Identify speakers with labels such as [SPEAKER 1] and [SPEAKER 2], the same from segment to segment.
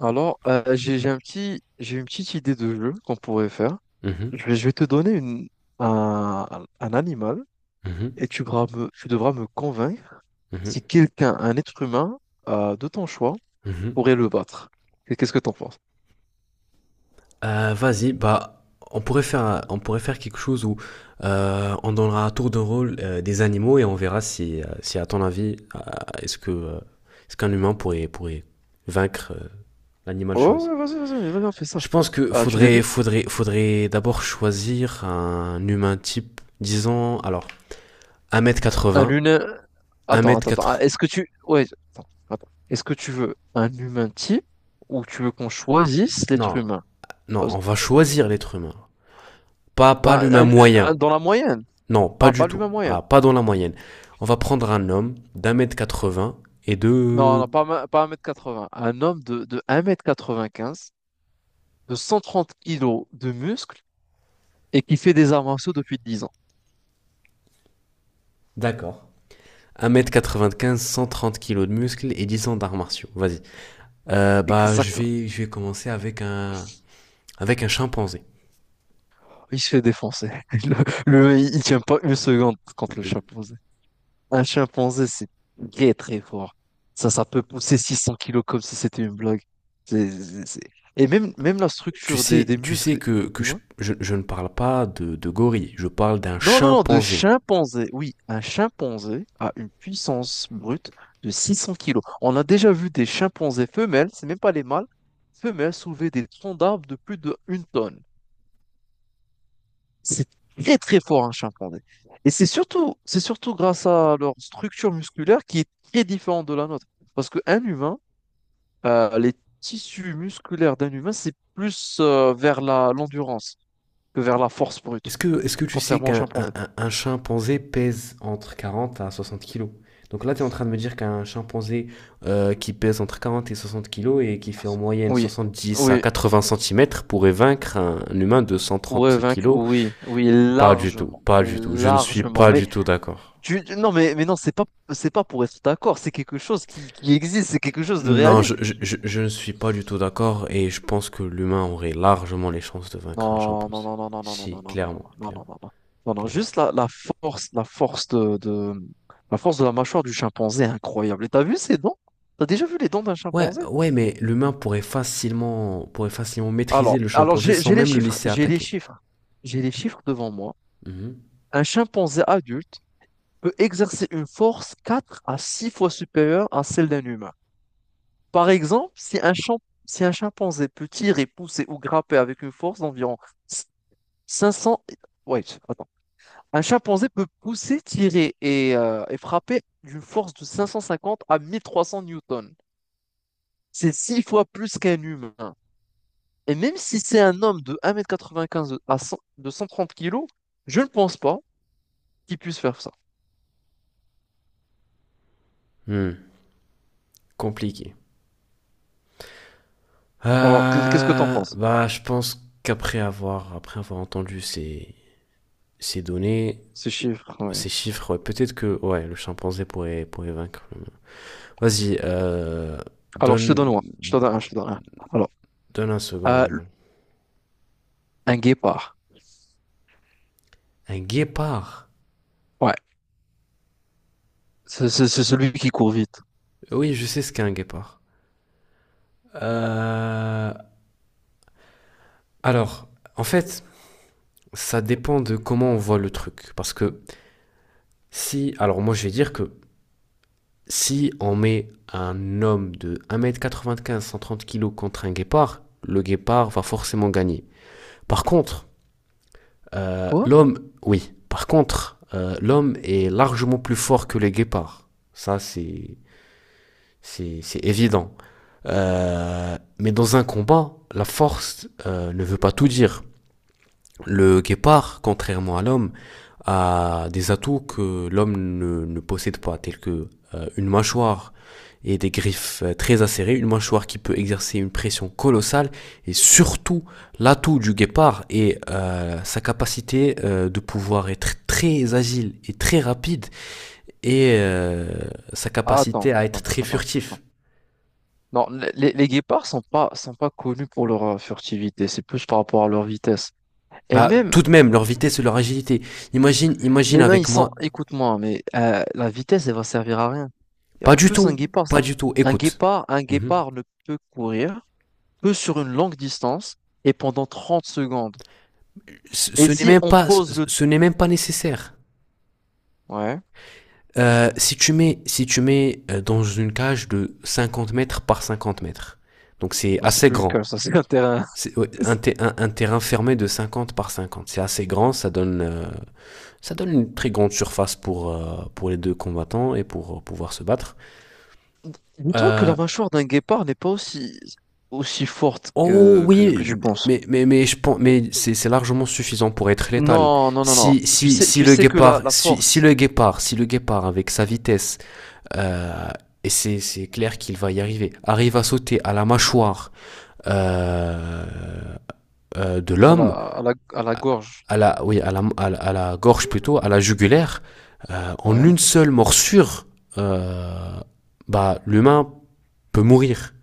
[SPEAKER 1] Alors, j'ai j'ai une petite idée de jeu qu'on pourrait faire.
[SPEAKER 2] Mhm,
[SPEAKER 1] Je vais te donner un animal et
[SPEAKER 2] mhm,
[SPEAKER 1] tu devras me convaincre si
[SPEAKER 2] mhm,
[SPEAKER 1] un être humain de ton choix,
[SPEAKER 2] mhm.
[SPEAKER 1] pourrait le battre. Et qu'est-ce que t'en penses?
[SPEAKER 2] Vas-y, bah, on pourrait faire, on pourrait faire quelque chose où on donnera à tour de rôle des animaux et on verra si, si à ton avis, est-ce que, est-ce qu'un humain pourrait vaincre l'animal
[SPEAKER 1] Oh,
[SPEAKER 2] choisi.
[SPEAKER 1] ouais, vas-y, vas-y, vas-y, vas-y, on fait ça.
[SPEAKER 2] Je pense que
[SPEAKER 1] Ah, tu
[SPEAKER 2] faudrait,
[SPEAKER 1] débutes?
[SPEAKER 2] faudrait, faudrait d'abord choisir un humain type, disons, alors,
[SPEAKER 1] Un
[SPEAKER 2] 1m80,
[SPEAKER 1] humain. Attends, attends, attends. Ah,
[SPEAKER 2] 1m4,
[SPEAKER 1] est-ce que tu. Ouais, attends, attends. Est-ce que tu veux un humain type ou tu veux qu'on choisisse l'être
[SPEAKER 2] non,
[SPEAKER 1] humain?
[SPEAKER 2] non,
[SPEAKER 1] Parce-
[SPEAKER 2] on va choisir l'être humain, pas
[SPEAKER 1] Bah,
[SPEAKER 2] l'humain moyen.
[SPEAKER 1] dans la moyenne.
[SPEAKER 2] Non, pas
[SPEAKER 1] Ah,
[SPEAKER 2] du
[SPEAKER 1] pas
[SPEAKER 2] tout.
[SPEAKER 1] l'humain moyen.
[SPEAKER 2] Ah, pas dans la moyenne. On va prendre un homme d'un mètre 80 et
[SPEAKER 1] Non,
[SPEAKER 2] de...
[SPEAKER 1] non, pas, pas 1,80 m. Un homme de un mètre quatre-vingt-quinze, de 130 kilos de muscles et qui fait des arts martiaux depuis 10 ans.
[SPEAKER 2] D'accord. 1m95, 130 kilos de muscles et 10 ans d'arts martiaux. Vas-y. Bah, je
[SPEAKER 1] Exactement.
[SPEAKER 2] vais, je vais commencer avec un, chimpanzé.
[SPEAKER 1] Il se fait défoncer. Le Il tient pas une seconde contre le
[SPEAKER 2] Euh,
[SPEAKER 1] chimpanzé. Un chimpanzé, c'est très très fort. Ça peut pousser 600 kilos comme si c'était une blague. C'est- c'est- c'est- Et même, même la
[SPEAKER 2] Tu
[SPEAKER 1] structure des,
[SPEAKER 2] sais,
[SPEAKER 1] des
[SPEAKER 2] tu sais
[SPEAKER 1] muscles.
[SPEAKER 2] que, que
[SPEAKER 1] Dis
[SPEAKER 2] je ne parle pas de gorille, je parle d'un
[SPEAKER 1] Non, non, non, de
[SPEAKER 2] chimpanzé.
[SPEAKER 1] chimpanzé. Oui, un chimpanzé a une puissance brute de 600 kilos. On a déjà vu des chimpanzés femelles, c'est même pas les mâles, femelles soulever des troncs d'arbres de plus de une tonne. C'est très très fort un chimpanzé. Et c'est surtout grâce à leur structure musculaire qui est très différente de la nôtre. Parce qu'un humain, les tissus musculaires d'un humain, c'est plus vers l'endurance que vers la force brute,
[SPEAKER 2] Est-ce que tu sais
[SPEAKER 1] contrairement au
[SPEAKER 2] qu'un
[SPEAKER 1] chimpanzé.
[SPEAKER 2] un chimpanzé pèse entre 40 à 60 kilos? Donc là, tu es en train de me dire qu'un chimpanzé qui pèse entre 40 et 60 kilos et qui fait en moyenne
[SPEAKER 1] Oui,
[SPEAKER 2] 70 à
[SPEAKER 1] oui.
[SPEAKER 2] 80 centimètres pourrait vaincre un humain de
[SPEAKER 1] Ouais,
[SPEAKER 2] 130
[SPEAKER 1] vaincre,
[SPEAKER 2] kilos?
[SPEAKER 1] oui, oui,
[SPEAKER 2] Pas du tout,
[SPEAKER 1] largement,
[SPEAKER 2] pas du tout. Je ne suis
[SPEAKER 1] largement.
[SPEAKER 2] pas
[SPEAKER 1] Mais
[SPEAKER 2] du tout d'accord.
[SPEAKER 1] non, mais non, c'est pas pour être d'accord. C'est quelque chose qui existe, c'est quelque chose de
[SPEAKER 2] Non,
[SPEAKER 1] réaliste.
[SPEAKER 2] je ne suis pas du tout d'accord et je pense que l'humain aurait largement les chances de vaincre un
[SPEAKER 1] Non, non,
[SPEAKER 2] chimpanzé.
[SPEAKER 1] non, non, non, non, non,
[SPEAKER 2] Si,
[SPEAKER 1] non, non, non,
[SPEAKER 2] clairement,
[SPEAKER 1] non, non, non,
[SPEAKER 2] clairement,
[SPEAKER 1] non, non, non, non.
[SPEAKER 2] clairement.
[SPEAKER 1] Juste la force de la mâchoire du chimpanzé est incroyable. Et t'as vu ses dents? T'as déjà vu les dents d'un
[SPEAKER 2] Ouais,
[SPEAKER 1] chimpanzé?
[SPEAKER 2] ouais, mais l'humain pourrait facilement maîtriser
[SPEAKER 1] Alors,
[SPEAKER 2] le
[SPEAKER 1] alors
[SPEAKER 2] chimpanzé sans même le laisser attaquer.
[SPEAKER 1] j'ai les chiffres devant moi.
[SPEAKER 2] Mhm.
[SPEAKER 1] Un chimpanzé adulte peut exercer une force 4 à 6 fois supérieure à celle d'un humain. Par exemple, si un chimpanzé peut tirer, pousser ou grapper avec une force d'environ 500. Ouais, attends. Un chimpanzé peut pousser, tirer et frapper d'une force de 550 à 1 300 newtons. C'est six fois plus qu'un humain. Et même si c'est un homme de 1,95 m à 100 de 130 kilos, je ne pense pas qu'il puisse faire ça.
[SPEAKER 2] Hmm. Compliqué.
[SPEAKER 1] Alors, qu'est-ce que t'en penses?
[SPEAKER 2] Bah, je pense qu'après avoir entendu ces, données,
[SPEAKER 1] Ces chiffres, ouais.
[SPEAKER 2] ces chiffres, ouais, peut-être que, ouais, le chimpanzé pourrait vaincre l'humain. Vas-y,
[SPEAKER 1] Alors, je te donne
[SPEAKER 2] donne,
[SPEAKER 1] un. Alors,
[SPEAKER 2] donne un second
[SPEAKER 1] euh,
[SPEAKER 2] animal.
[SPEAKER 1] un guépard.
[SPEAKER 2] Un guépard.
[SPEAKER 1] Ouais. C'est celui qui court vite.
[SPEAKER 2] Oui, je sais ce qu'est un guépard. Euh, alors, en fait, ça dépend de comment on voit le truc, parce que si, alors moi je vais dire que si on met un homme de 1m95 cent trente kilos contre un guépard, le guépard va forcément gagner. Par contre,
[SPEAKER 1] Quoi?
[SPEAKER 2] l'homme, oui, par contre, l'homme est largement plus fort que les guépards. Ça, c'est évident. Mais dans un combat, la force ne veut pas tout dire. Le guépard, contrairement à l'homme, a des atouts que l'homme ne possède pas, tels que une mâchoire et des griffes très acérées, une mâchoire qui peut exercer une pression colossale, et surtout l'atout du guépard est sa capacité de pouvoir être très agile et très rapide, et sa
[SPEAKER 1] Attends,
[SPEAKER 2] capacité à être
[SPEAKER 1] attends,
[SPEAKER 2] très
[SPEAKER 1] attends,
[SPEAKER 2] furtif.
[SPEAKER 1] attends. Non, les guépards sont pas connus pour leur furtivité, c'est plus par rapport à leur vitesse. Et
[SPEAKER 2] Bah,
[SPEAKER 1] même,
[SPEAKER 2] tout de même, leur vitesse et leur agilité. Imagine
[SPEAKER 1] mais non,
[SPEAKER 2] avec
[SPEAKER 1] ils sont,
[SPEAKER 2] moi.
[SPEAKER 1] écoute-moi, mais la vitesse, elle va servir à rien. Et
[SPEAKER 2] Pas
[SPEAKER 1] en
[SPEAKER 2] du
[SPEAKER 1] plus,
[SPEAKER 2] tout, pas du tout. Écoute.
[SPEAKER 1] un
[SPEAKER 2] Mhm.
[SPEAKER 1] guépard ne peut courir que sur une longue distance et pendant 30 secondes.
[SPEAKER 2] ce
[SPEAKER 1] Et
[SPEAKER 2] ce n'est
[SPEAKER 1] si
[SPEAKER 2] même
[SPEAKER 1] on
[SPEAKER 2] pas, ce
[SPEAKER 1] pose le.
[SPEAKER 2] ce n'est même pas nécessaire.
[SPEAKER 1] Ouais,
[SPEAKER 2] Si tu mets, dans une cage de 50 mètres par 50 mètres, donc c'est
[SPEAKER 1] bah, c'est
[SPEAKER 2] assez
[SPEAKER 1] plus une colle,
[SPEAKER 2] grand.
[SPEAKER 1] ça c'est un terrain.
[SPEAKER 2] C'est ouais, un terrain fermé de 50 par 50. C'est assez grand, ça donne une très grande surface pour, pour les deux combattants et pour pouvoir se battre.
[SPEAKER 1] Dis-toi que
[SPEAKER 2] Euh,
[SPEAKER 1] la mâchoire d'un guépard n'est pas aussi forte
[SPEAKER 2] oh
[SPEAKER 1] que
[SPEAKER 2] oui,
[SPEAKER 1] tu penses.
[SPEAKER 2] mais je pense, mais c'est largement suffisant pour être létal.
[SPEAKER 1] Non, non, non, non.
[SPEAKER 2] Si,
[SPEAKER 1] Tu
[SPEAKER 2] si,
[SPEAKER 1] sais,
[SPEAKER 2] si
[SPEAKER 1] tu
[SPEAKER 2] le
[SPEAKER 1] sais que la,
[SPEAKER 2] guépard,
[SPEAKER 1] la
[SPEAKER 2] si, si
[SPEAKER 1] force
[SPEAKER 2] le Si le guépard avec sa vitesse. Euh, et c'est, clair qu'il va y arriver. Arrive à sauter à la mâchoire euh, de l'homme,
[SPEAKER 1] à la gorge.
[SPEAKER 2] à la, oui, à la gorge plutôt, à la jugulaire, en
[SPEAKER 1] Ouais.
[SPEAKER 2] une seule morsure, euh, bah, l'humain peut mourir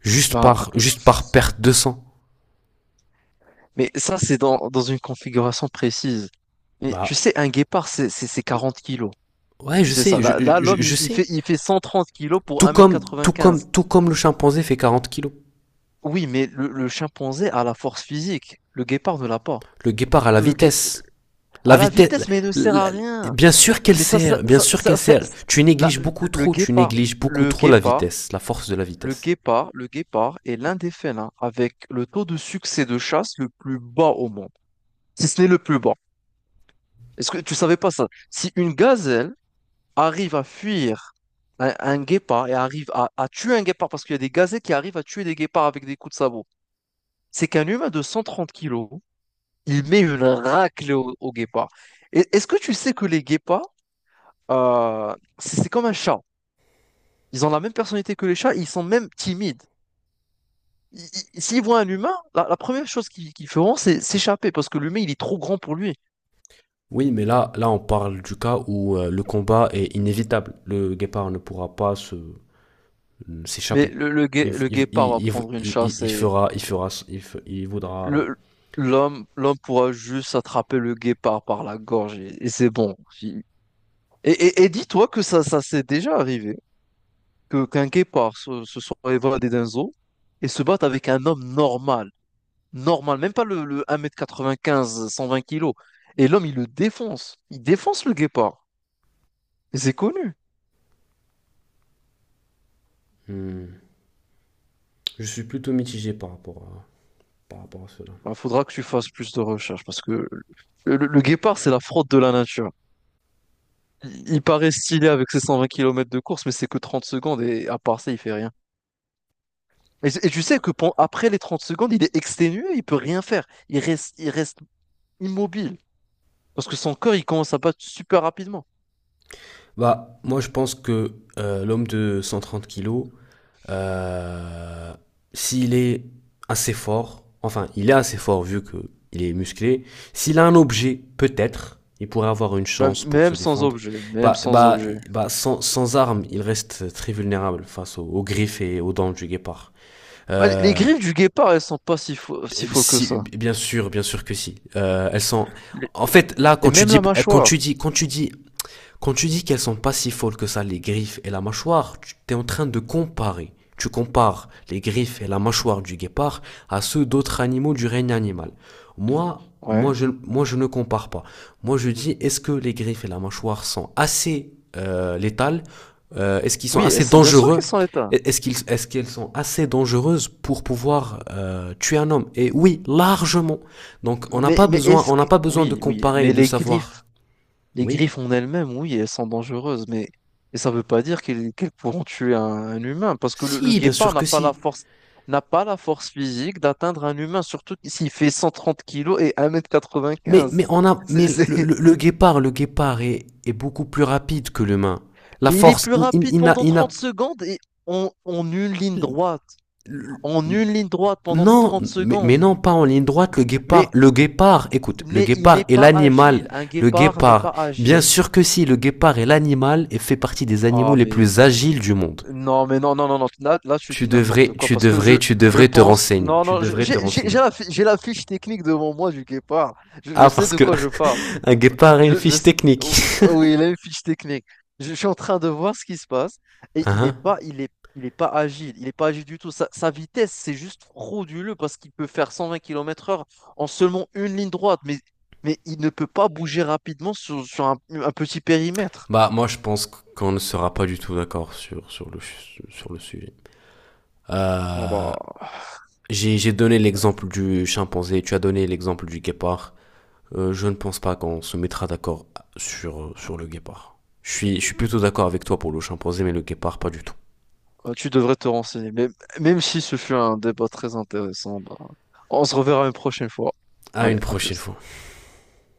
[SPEAKER 2] juste
[SPEAKER 1] Bah,
[SPEAKER 2] par,
[SPEAKER 1] attends.
[SPEAKER 2] perte de sang.
[SPEAKER 1] Mais ça, c'est dans une configuration précise. Mais tu
[SPEAKER 2] Bah,
[SPEAKER 1] sais, un guépard, c'est 40 kilos.
[SPEAKER 2] ouais,
[SPEAKER 1] Tu
[SPEAKER 2] je
[SPEAKER 1] sais ça.
[SPEAKER 2] sais, je,
[SPEAKER 1] Là, là,
[SPEAKER 2] je,
[SPEAKER 1] l'homme,
[SPEAKER 2] je sais.
[SPEAKER 1] il fait 130 kilos pour
[SPEAKER 2] Tout
[SPEAKER 1] un mètre
[SPEAKER 2] comme, tout comme,
[SPEAKER 1] quatre-vingt-quinze.
[SPEAKER 2] tout comme le chimpanzé fait 40 kilos.
[SPEAKER 1] Oui, mais le chimpanzé a la force physique. Le guépard ne l'a pas.
[SPEAKER 2] Le guépard à la
[SPEAKER 1] Le gué-
[SPEAKER 2] vitesse. La
[SPEAKER 1] à la
[SPEAKER 2] vitesse,
[SPEAKER 1] vitesse, mais il ne sert à
[SPEAKER 2] la-
[SPEAKER 1] rien.
[SPEAKER 2] bien sûr qu'elle
[SPEAKER 1] Mais ça, ça,
[SPEAKER 2] sert, bien
[SPEAKER 1] ça,
[SPEAKER 2] sûr
[SPEAKER 1] ça-
[SPEAKER 2] qu'elle
[SPEAKER 1] ça-
[SPEAKER 2] sert.
[SPEAKER 1] ça-
[SPEAKER 2] Tu
[SPEAKER 1] la-
[SPEAKER 2] négliges beaucoup
[SPEAKER 1] le
[SPEAKER 2] trop, tu
[SPEAKER 1] guépard,
[SPEAKER 2] négliges beaucoup
[SPEAKER 1] le
[SPEAKER 2] trop la
[SPEAKER 1] guépard,
[SPEAKER 2] vitesse, la force de la vitesse.
[SPEAKER 1] le guépard est l'un des félins avec le taux de succès de chasse le plus bas au monde, si ce n'est le plus bas. Est-ce que tu savais pas ça? Si une gazelle arrive à fuir un guépard et arrive à tuer un guépard, parce qu'il y a des gazelles qui arrivent à tuer des guépards avec des coups de sabot, c'est qu'un humain de 130 kilos, il met une raclée au guépard. Est-ce que tu sais que les guépards, c'est comme un chat. Ils ont la même personnalité que les chats, ils sont même timides. Ils- S'ils voient un humain, la première chose qu'ils feront, c'est s'échapper parce que l'humain, il est trop grand pour lui.
[SPEAKER 2] Oui, mais là, on parle du cas où le combat est inévitable. Le guépard ne pourra pas se
[SPEAKER 1] Mais
[SPEAKER 2] s'échapper. Il,
[SPEAKER 1] le
[SPEAKER 2] il,
[SPEAKER 1] guépard va
[SPEAKER 2] il,
[SPEAKER 1] prendre une
[SPEAKER 2] il, il-
[SPEAKER 1] chasse
[SPEAKER 2] il fera, il fera, il voudra.
[SPEAKER 1] le, l'homme pourra juste attraper le guépard par la gorge et c'est bon. Il- et dis-toi que ça s'est déjà arrivé, que qu'un guépard se soit évadé d'un zoo et se batte avec un homme normal, normal, même pas le 1,95 m, 120 kilos. Et l'homme, il le défonce, il défonce le guépard. C'est connu.
[SPEAKER 2] Hmm. Je suis plutôt mitigé par rapport à cela.
[SPEAKER 1] Il faudra que tu fasses plus de recherches parce que le guépard, c'est la fraude de la nature. Il paraît stylé avec ses 120 km de course, mais c'est que 30 secondes et à part ça, il fait rien. Et tu sais que après les 30 secondes, il est exténué, il peut rien faire. Il reste immobile parce que son corps, il commence à battre super rapidement.
[SPEAKER 2] Bah, moi, je pense que l'homme de 130 kilos, euh, s'il est assez fort, enfin, il est assez fort vu que il est musclé, s'il a un objet, peut-être, il pourrait avoir une
[SPEAKER 1] Même,
[SPEAKER 2] chance pour se
[SPEAKER 1] même sans
[SPEAKER 2] défendre.
[SPEAKER 1] objet, même
[SPEAKER 2] Bah,
[SPEAKER 1] sans
[SPEAKER 2] bah,
[SPEAKER 1] objet.
[SPEAKER 2] bah, sans armes, il reste très vulnérable face aux griffes et aux dents du guépard.
[SPEAKER 1] Bah, les
[SPEAKER 2] Euh,
[SPEAKER 1] griffes du guépard, elles sont pas si folles que
[SPEAKER 2] si,
[SPEAKER 1] ça.
[SPEAKER 2] bien sûr que si. Elles sont.
[SPEAKER 1] Les-
[SPEAKER 2] En fait, là,
[SPEAKER 1] Et même la mâchoire.
[SPEAKER 2] quand tu dis qu'elles sont pas si folles que ça, les griffes et la mâchoire, tu es en train de comparer. Tu compares les griffes et la mâchoire du guépard à ceux d'autres animaux du règne animal. Moi,
[SPEAKER 1] Ouais.
[SPEAKER 2] moi je, moi, je ne compare pas. Moi, je dis, est-ce que les griffes et la mâchoire sont assez létales? Est-ce qu'ils sont
[SPEAKER 1] Oui, elles
[SPEAKER 2] assez
[SPEAKER 1] sont bien sûr qu'elles
[SPEAKER 2] dangereux?
[SPEAKER 1] sont éteintes.
[SPEAKER 2] Est-ce qu'elles sont assez dangereuses pour pouvoir tuer un homme? Et oui, largement. Donc, on n'a
[SPEAKER 1] Mais,
[SPEAKER 2] pas
[SPEAKER 1] mais
[SPEAKER 2] besoin,
[SPEAKER 1] est-ce
[SPEAKER 2] on n'a
[SPEAKER 1] que.
[SPEAKER 2] pas besoin de
[SPEAKER 1] Oui, oui,
[SPEAKER 2] comparer et
[SPEAKER 1] mais
[SPEAKER 2] de savoir.
[SPEAKER 1] les
[SPEAKER 2] Oui.
[SPEAKER 1] griffes en elles-mêmes, oui, elles sont dangereuses, et ça ne veut pas dire qu'elles pourront tuer un humain, parce que le
[SPEAKER 2] Si, bien
[SPEAKER 1] guépard
[SPEAKER 2] sûr que si.
[SPEAKER 1] n'a pas la force physique d'atteindre un humain, surtout s'il fait 130 kilos et
[SPEAKER 2] Mais,
[SPEAKER 1] 1,95 m.
[SPEAKER 2] mais, on a, mais
[SPEAKER 1] C'est, c'est-
[SPEAKER 2] le guépard est beaucoup plus rapide que l'humain. La
[SPEAKER 1] Mais il est
[SPEAKER 2] force,
[SPEAKER 1] plus rapide
[SPEAKER 2] il n'a,
[SPEAKER 1] pendant
[SPEAKER 2] il
[SPEAKER 1] 30
[SPEAKER 2] n'a-
[SPEAKER 1] secondes et en, en une ligne droite, en une ligne droite pendant
[SPEAKER 2] non,
[SPEAKER 1] 30
[SPEAKER 2] mais
[SPEAKER 1] secondes.
[SPEAKER 2] non, pas en ligne droite, le
[SPEAKER 1] Mais
[SPEAKER 2] guépard, le guépard, écoute,
[SPEAKER 1] il
[SPEAKER 2] le
[SPEAKER 1] n'est il
[SPEAKER 2] guépard
[SPEAKER 1] n'est
[SPEAKER 2] est
[SPEAKER 1] pas agile,
[SPEAKER 2] l'animal,
[SPEAKER 1] un
[SPEAKER 2] le
[SPEAKER 1] guépard n'est pas
[SPEAKER 2] guépard, bien
[SPEAKER 1] agile.
[SPEAKER 2] sûr que si, le guépard est l'animal et fait partie des animaux
[SPEAKER 1] Ah,
[SPEAKER 2] les
[SPEAKER 1] mais
[SPEAKER 2] plus agiles du monde.
[SPEAKER 1] non, mais non, non, non, non. Là, là, tu dis n'importe quoi parce que je,
[SPEAKER 2] Tu
[SPEAKER 1] je
[SPEAKER 2] devrais te
[SPEAKER 1] pense.
[SPEAKER 2] renseigner,
[SPEAKER 1] Non,
[SPEAKER 2] tu
[SPEAKER 1] non,
[SPEAKER 2] devrais te renseigner.
[SPEAKER 1] j'ai la fiche technique devant moi du guépard. Je
[SPEAKER 2] Ah,
[SPEAKER 1] sais
[SPEAKER 2] parce
[SPEAKER 1] de
[SPEAKER 2] que
[SPEAKER 1] quoi je parle.
[SPEAKER 2] un guépard a une
[SPEAKER 1] Je, je
[SPEAKER 2] fiche
[SPEAKER 1] sais-
[SPEAKER 2] technique.
[SPEAKER 1] oh, oh, oui, il a une fiche technique. Je suis en train de voir ce qui se passe et
[SPEAKER 2] Ah, hein.
[SPEAKER 1] il est pas agile. Il est pas agile du tout. Sa vitesse, c'est juste frauduleux parce qu'il peut faire 120 km heure en seulement une ligne droite. Mais il ne peut pas bouger rapidement sur un petit périmètre.
[SPEAKER 2] Bah, moi, je pense qu'on ne sera pas du tout d'accord sur le sujet.
[SPEAKER 1] Bon,
[SPEAKER 2] Euh,
[SPEAKER 1] bah.
[SPEAKER 2] j'ai donné l'exemple du chimpanzé, tu as donné l'exemple du guépard. Je ne pense pas qu'on se mettra d'accord sur le guépard. Je suis plutôt d'accord avec toi pour le chimpanzé, mais le guépard, pas du tout.
[SPEAKER 1] Tu devrais te renseigner. Mais même si ce fut un débat très intéressant, bah, on se reverra une prochaine fois.
[SPEAKER 2] À
[SPEAKER 1] Allez,
[SPEAKER 2] une
[SPEAKER 1] à
[SPEAKER 2] prochaine
[SPEAKER 1] plus.
[SPEAKER 2] fois.